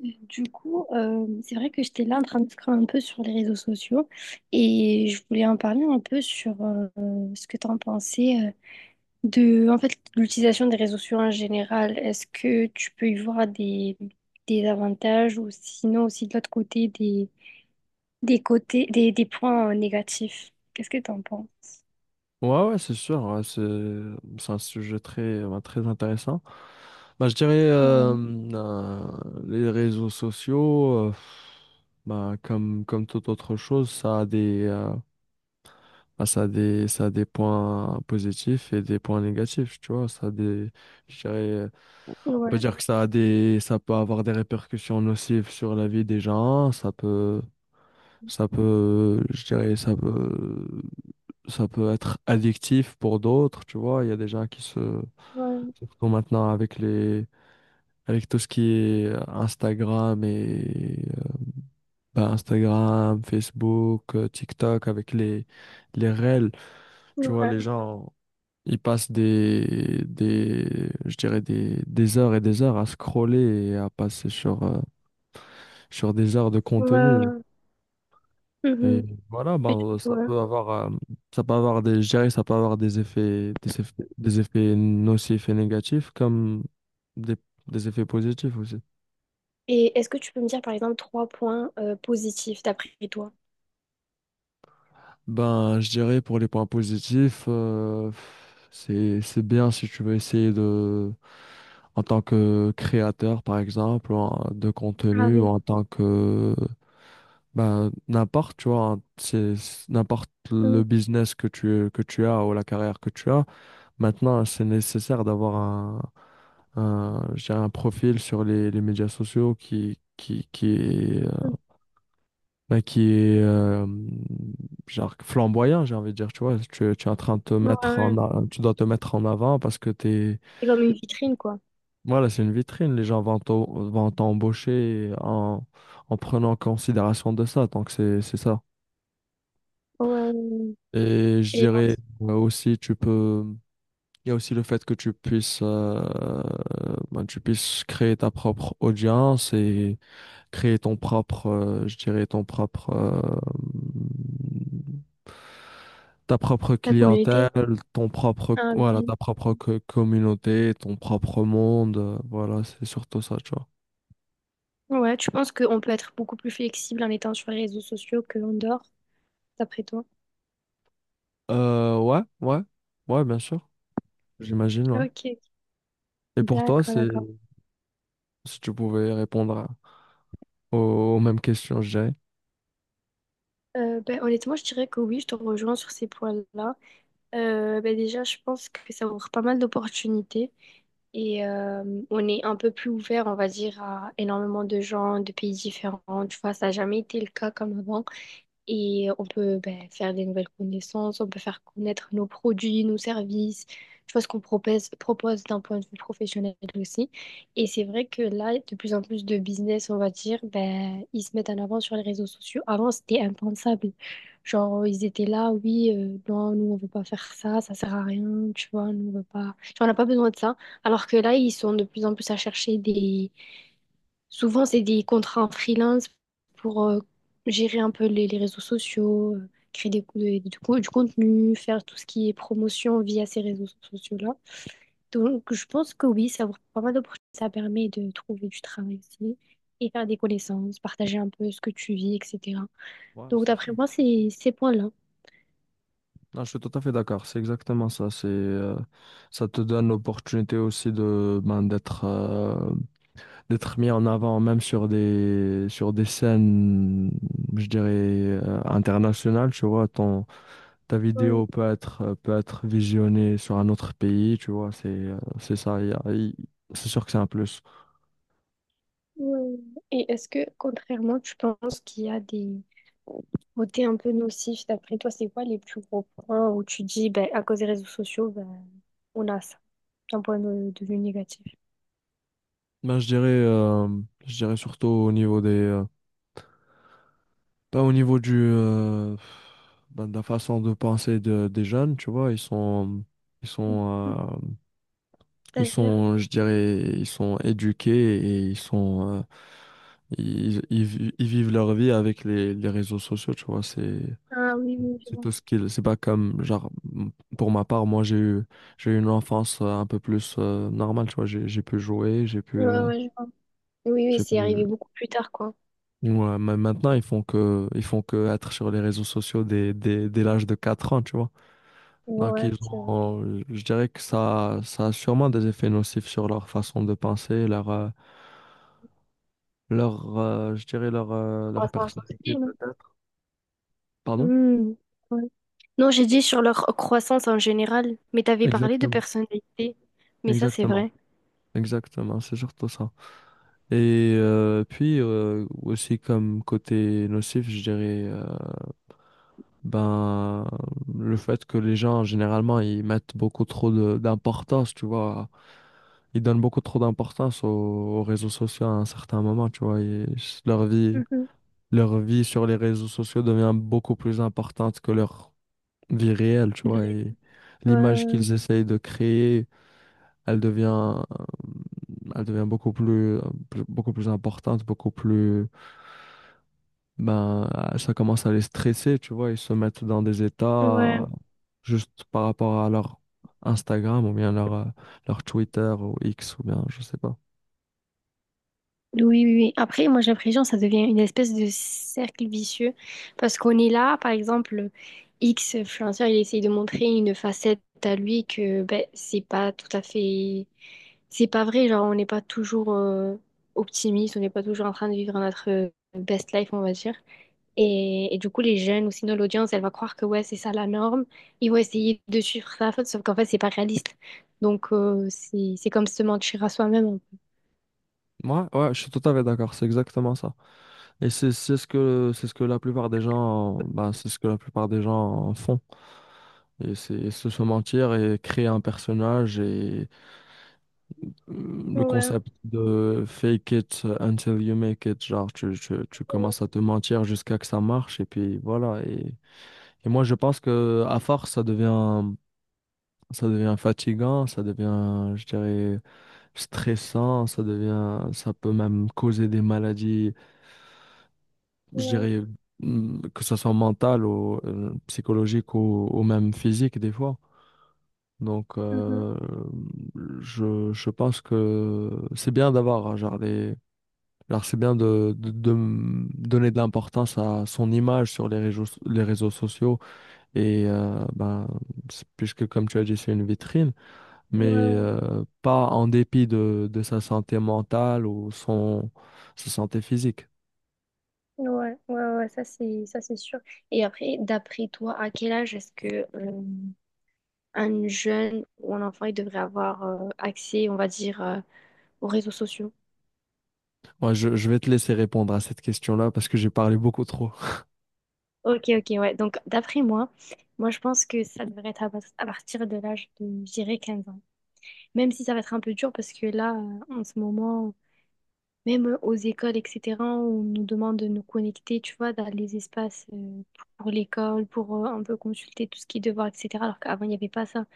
Du coup, c'est vrai que j'étais là en train de scroller un peu sur les réseaux sociaux, et je voulais en parler un peu sur ce que tu en pensais, de, en fait, l'utilisation des réseaux sociaux en général. Est-ce que tu peux y voir des avantages, ou sinon aussi, de l'autre côté, des points négatifs? Qu'est-ce que tu en penses? Ouais, ouais, c'est sûr. Ouais, c'est un sujet très, bah, très intéressant. Bah, je dirais Ouais, euh, les réseaux sociaux, bah, comme toute autre chose, ça a des points positifs et des points négatifs, tu vois. Ça a des, je dirais, On peut ouais, dire que ça peut avoir des répercussions nocives sur la vie des gens. Ça peut, je dirais, ça peut Ça peut être addictif pour d'autres, tu vois. Il y a des gens qui se, ouais, surtout maintenant avec avec tout ce qui est Instagram et, ben, Instagram, Facebook, TikTok, avec les reels, tu vois, les ouais, gens, ils passent des heures et des heures à scroller et à passer sur, sur des heures de contenu. ouais. Et Mhm. voilà, Et, ben, ouais. Ça peut avoir des, je dirais, ça peut avoir des effets nocifs et négatifs comme des, des effets positifs aussi. Et est-ce que tu peux me dire par exemple trois points positifs d'après toi? Ben, je dirais pour les points positifs, c'est bien si tu veux essayer de, en tant que créateur, par exemple, ou de Ah contenu, ou oui. en tant que, ben, n'importe, tu vois, n'importe le Mm, business que que tu as ou la carrière que tu as. Maintenant, c'est nécessaire d'avoir je dirais un profil sur les médias sociaux qui est, mm. Qui est genre flamboyant, j'ai envie de dire, tu vois, tu es en train de te Ouais, mettre ouais. en, tu dois te mettre en avant parce que t'es, C'est comme une vitrine, quoi. voilà, c'est une vitrine, les gens vont t'embaucher en en prenant en considération de ça, donc c'est ça. Ouais, ouais, ouais. Et je Et dirais aussi, tu peux. Il y a aussi le fait que tu puisses, ben, tu puisses créer ta propre audience et créer ton propre, ta propre ta clientèle, communauté. ton propre, Ah voilà, oui. ta propre communauté, ton propre monde. Voilà, c'est surtout ça, tu vois. Ouais, tu penses qu'on peut être beaucoup plus flexible en étant sur les réseaux sociaux qu'en dehors, d'après toi? Ouais, ouais, ouais, bien sûr, j'imagine, ouais. Ok, Et pour toi, d'accord, c'est d'accord. si tu pouvais répondre à- aux mêmes questions, je dirais. Ben, honnêtement, je dirais que oui, je te rejoins sur ces points-là. Ben, déjà, je pense que ça ouvre pas mal d'opportunités, et on est un peu plus ouvert, on va dire, à énormément de gens, de pays différents. Tu vois, ça n'a jamais été le cas comme avant. Et on peut, ben, faire des nouvelles connaissances, on peut faire connaître nos produits, nos services, tu vois, ce qu'on propose, propose d'un point de vue professionnel aussi. Et c'est vrai que là, de plus en plus de business, on va dire, ben, ils se mettent en avant sur les réseaux sociaux. Avant, c'était impensable. Genre, ils étaient là, oui, non, nous, on veut pas faire ça, ça sert à rien, tu vois, nous, on veut pas. Genre, on n'a pas besoin de ça. Alors que là, ils sont de plus en plus à chercher des. Souvent, c'est des contrats en freelance pour gérer un peu les réseaux sociaux, créer du contenu, faire tout ce qui est promotion via ces réseaux sociaux-là. Donc, je pense que oui, ça ouvre pas mal d'opportunités. Ça permet de trouver du travail aussi, et faire des connaissances, partager un peu ce que tu vis, etc. Ouais, Donc, c'est d'après sûr. moi, c'est ces points-là. Non, je suis tout à fait d'accord, c'est exactement ça. C'est, ça te donne l'opportunité aussi de, ben, d'être mis en avant, même sur sur des scènes, je dirais, internationales, tu vois. Ton, ta vidéo peut être visionnée sur un autre pays, tu vois. C'est ça, il y a- il- c'est sûr que c'est un plus. Ouais. Et est-ce que, contrairement, tu penses qu'il y a des côtés un peu nocifs? D'après toi, c'est quoi les plus gros points où tu dis, ben, à cause des réseaux sociaux, ben, on a ça, d'un point de vue négatif? Ben, je dirais, surtout au niveau des, au niveau du, bah, de la façon de penser des jeunes, tu vois, ils Mhm. sont, euh, ils C'est-à-dire? sont, je dirais, ils sont éduqués et ils sont, ils vivent leur vie avec les réseaux sociaux, tu vois, Ah oui, oui, je c'est vois. tout ce qu'ils, c'est pas comme, genre, m- pour ma part, moi, j'ai eu une enfance un peu plus normale, tu vois, j'ai pu jouer, j'ai pu, Ouais, ouais, je vois. Oui, oui, j'ai c'est pu, arrivé beaucoup plus tard, quoi. Ouais, mais maintenant, ils font que être sur les réseaux sociaux dès l'âge de 4 ans, tu vois. Donc, ils Ouais, c'est vrai. ont, je dirais que ça a sûrement des effets nocifs sur leur façon de penser, leur, leur, je dirais leur, leur Croissance aussi, personnalité, non? peut-être. Pardon? Hmm. Ouais. Non, j'ai dit sur leur croissance en général, mais t'avais parlé de Exactement. personnalité. Mais ça, c'est Exactement. vrai. Exactement, c'est surtout ça. Et aussi comme côté nocif, je dirais, ben, le fait que les gens, généralement, ils mettent beaucoup trop d'importance, tu vois, ils donnent beaucoup trop d'importance aux, aux réseaux sociaux à un certain moment, tu vois. Et Mhm. leur vie sur les réseaux sociaux devient beaucoup plus importante que leur vie réelle, tu C'est vois. vrai. Et l'image Euh, qu'ils essayent de créer, elle devient, euh, elle devient beaucoup plus, beaucoup plus importante, beaucoup plus, ben, ça commence à les stresser, tu vois. Ils se mettent dans des états ouais. Juste par rapport à leur Instagram ou bien leur, leur Twitter ou X ou bien, je sais pas. Oui, oui, oui. Après, moi, j'ai l'impression que ça devient une espèce de cercle vicieux, parce qu'on est là, par exemple, X influenceur, il essaye de montrer une facette à lui que, ben, c'est pas tout à fait. C'est pas vrai, genre on n'est pas toujours optimiste, on n'est pas toujours en train de vivre notre best life, on va dire. Et du coup, les jeunes ou sinon l'audience, elle va croire que ouais, c'est ça la norme. Ils vont essayer de suivre ça, sauf qu'en fait, c'est pas réaliste. Donc, c'est comme se mentir à soi-même. Moi ouais, je suis tout à fait d'accord, c'est exactement ça. Et c'est ce que la plupart des gens bah, c'est ce que la plupart des gens font. Et c'est se mentir et créer un personnage et le Ouais, concept de fake it until you make it, genre tu ouais, commences à te mentir jusqu'à que ça marche et puis voilà. Et moi je pense que à force ça devient fatigant, ça devient je dirais stressant, ça peut même causer des maladies je ouais, dirais, mm, que ce soit mental ou psychologique ou même physique des fois. Donc, mhm, je pense que c'est bien d'avoir, hein, genre, c'est bien de, donner de l'importance à son image sur les réseaux sociaux. Et, ben, c'est- puisque, comme tu as dit, c'est une vitrine, mais ouais, pas en dépit de sa santé mentale ou son, sa santé physique. ouais, ouais, ouais, ouais, ça c'est sûr. Et après, d'après toi, à quel âge est-ce que un jeune ou un enfant il devrait avoir accès, on va dire, aux réseaux sociaux? Ouais, je vais te laisser répondre à cette question-là parce que j'ai parlé beaucoup trop. Ok, ok, ouais. Donc, d'après moi, moi, je pense que ça devrait être à, pas- à partir de l'âge de, je dirais, 15 ans. Même si ça va être un peu dur, parce que là, en ce moment, même aux écoles, etc., on nous demande de nous connecter, tu vois, dans les espaces pour l'école, pour un peu consulter tout ce qui est devoir, etc. Alors qu'avant, il n'y avait pas ça.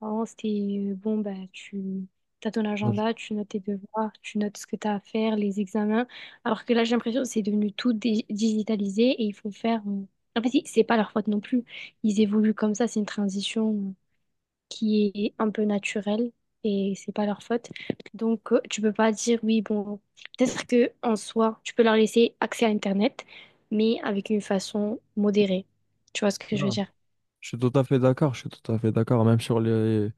Avant, c'était bon, bah, tu as ton Non, je agenda, tu notes tes devoirs, tu notes ce que tu as à faire, les examens. Alors que là, j'ai l'impression que c'est devenu tout digitalisé, et il faut faire. En fait, c'est pas leur faute non plus. Ils évoluent comme ça, c'est une transition qui est un peu naturelle, et c'est pas leur faute. Donc, tu peux pas dire oui, bon, peut-être que en soi, tu peux leur laisser accès à Internet, mais avec une façon modérée. Tu vois ce que je veux non, dire? je suis tout à fait d'accord, je suis tout à fait d'accord. Même sur les...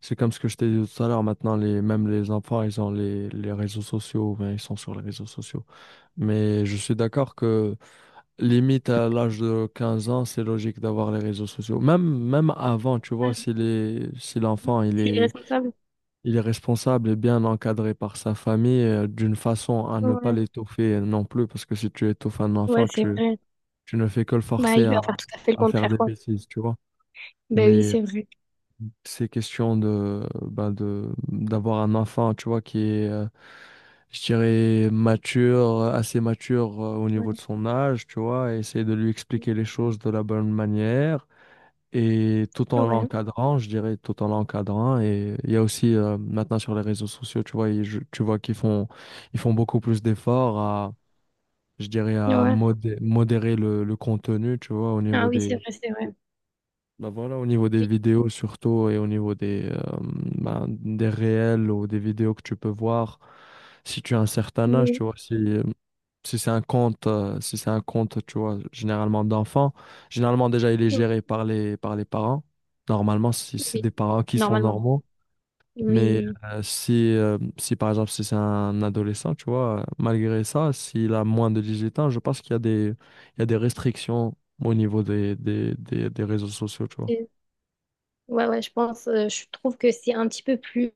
C'est comme ce que je t'ai dit tout à l'heure, maintenant, les... même les enfants, ils ont les réseaux sociaux, ben ils sont sur les réseaux sociaux. Mais je suis d'accord que limite à l'âge de 15 ans, c'est logique d'avoir les réseaux sociaux. Même avant, tu vois, Ouais. si les... si l'enfant, C'est irresponsable. il est responsable et bien encadré par sa famille, d'une façon à ne pas Ouais, l'étouffer non plus, parce que si tu étouffes un ouais, enfant, c'est tu vrai. tu ne fais que le Bah, forcer il va faire tout à fait le à faire contraire, des quoi. bêtises, tu vois. Bah oui, Mais c'est vrai. c'est question de, d'avoir un enfant, tu vois, qui est, je dirais, assez mature au Ouais. niveau de son âge, tu vois, et essayer de lui expliquer les choses de la bonne manière. Et tout en Ouais. l'encadrant, je dirais, tout en l'encadrant. Et il y a aussi maintenant sur les réseaux sociaux, tu vois, tu vois qu'ils font, ils font beaucoup plus d'efforts à, je dirais, à Ouais. Modérer le contenu, tu vois, au Ah niveau oui, c'est des, vrai, c'est vrai. bah voilà, au niveau des Oui. vidéos surtout et au niveau des, bah, des réels ou des vidéos que tu peux voir, si tu as un certain âge, Oui. tu vois, si, si c'est un compte, tu vois, généralement d'enfants, généralement déjà il est Oui. géré par par les parents, normalement si c'est Oui. des parents qui sont Normalement. normaux, Oui, oui. mais Oui. Si, si par exemple si c'est un adolescent, tu vois, malgré ça, s'il a moins de 18 ans, je pense qu'il y a il y a des restrictions au niveau des réseaux sociaux, tu vois. Et- Ouais, ouais, je pense, je trouve que c'est un petit peu plus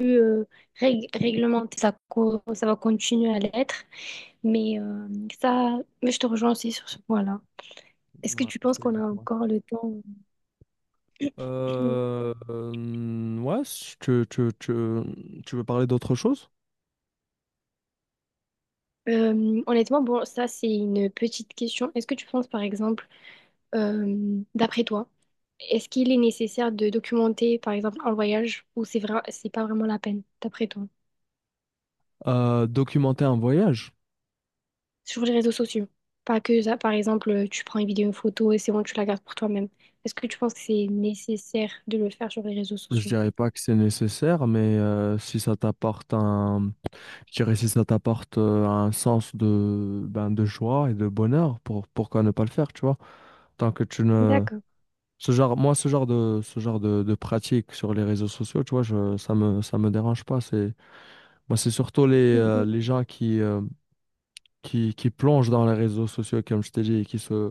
euh, réglementé. Ça va continuer à l'être. Mais euh, mais je te rejoins aussi sur ce point-là. Est-ce que Ouais, tu penses c'est qu'on a exactement encore le temps? ça. Ouais, si tu veux parler d'autre chose? Honnêtement, bon, ça, c'est une petite question. Est-ce que tu penses, par exemple. D'après toi, est-ce qu'il est nécessaire de documenter, par exemple, un voyage, ou c'est vrai, c'est pas vraiment la peine d'après toi, Documenter un voyage. sur les réseaux sociaux? Pas que ça, par exemple, tu prends une vidéo, une photo et c'est bon, tu la gardes pour toi-même. Est-ce que tu penses que c'est nécessaire de le faire sur les réseaux Je sociaux? dirais pas que c'est nécessaire, mais si ça t'apporte un, je dirais si ça t'apporte un sens de, ben, de joie et de bonheur, pourquoi ne pas le faire, tu vois? Tant que tu ne, D'accord. ce genre, moi, de pratique sur les réseaux sociaux, tu vois, je, ça me dérange pas. C'est, moi, c'est surtout Mhm. les gens qui, qui plonge dans les réseaux sociaux, comme je t'ai dit, et qui se,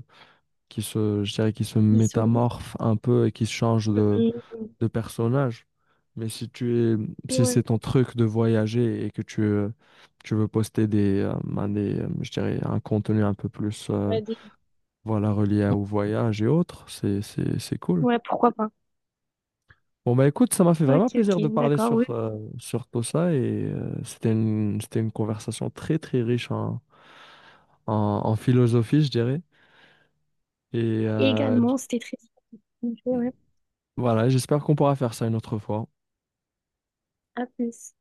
qui se Ils sont... métamorphe un peu et qui se change Mhm. de personnage. Mais si tu es, si c'est Ouais. ton truc de voyager et que tu, tu veux poster des, un contenu un peu plus, Ouais, voilà, relié à- au voyage et autres, c'est cool. ouais, pourquoi pas. Bon, bah écoute, ça m'a fait vraiment Ok, ok, plaisir de parler d'accord, oui. sur, sur tout ça et c'était une conversation très, très riche en, en, en philosophie, je dirais. Et Également, c'était très... Ouais. voilà, j'espère qu'on pourra faire ça une autre fois. À plus.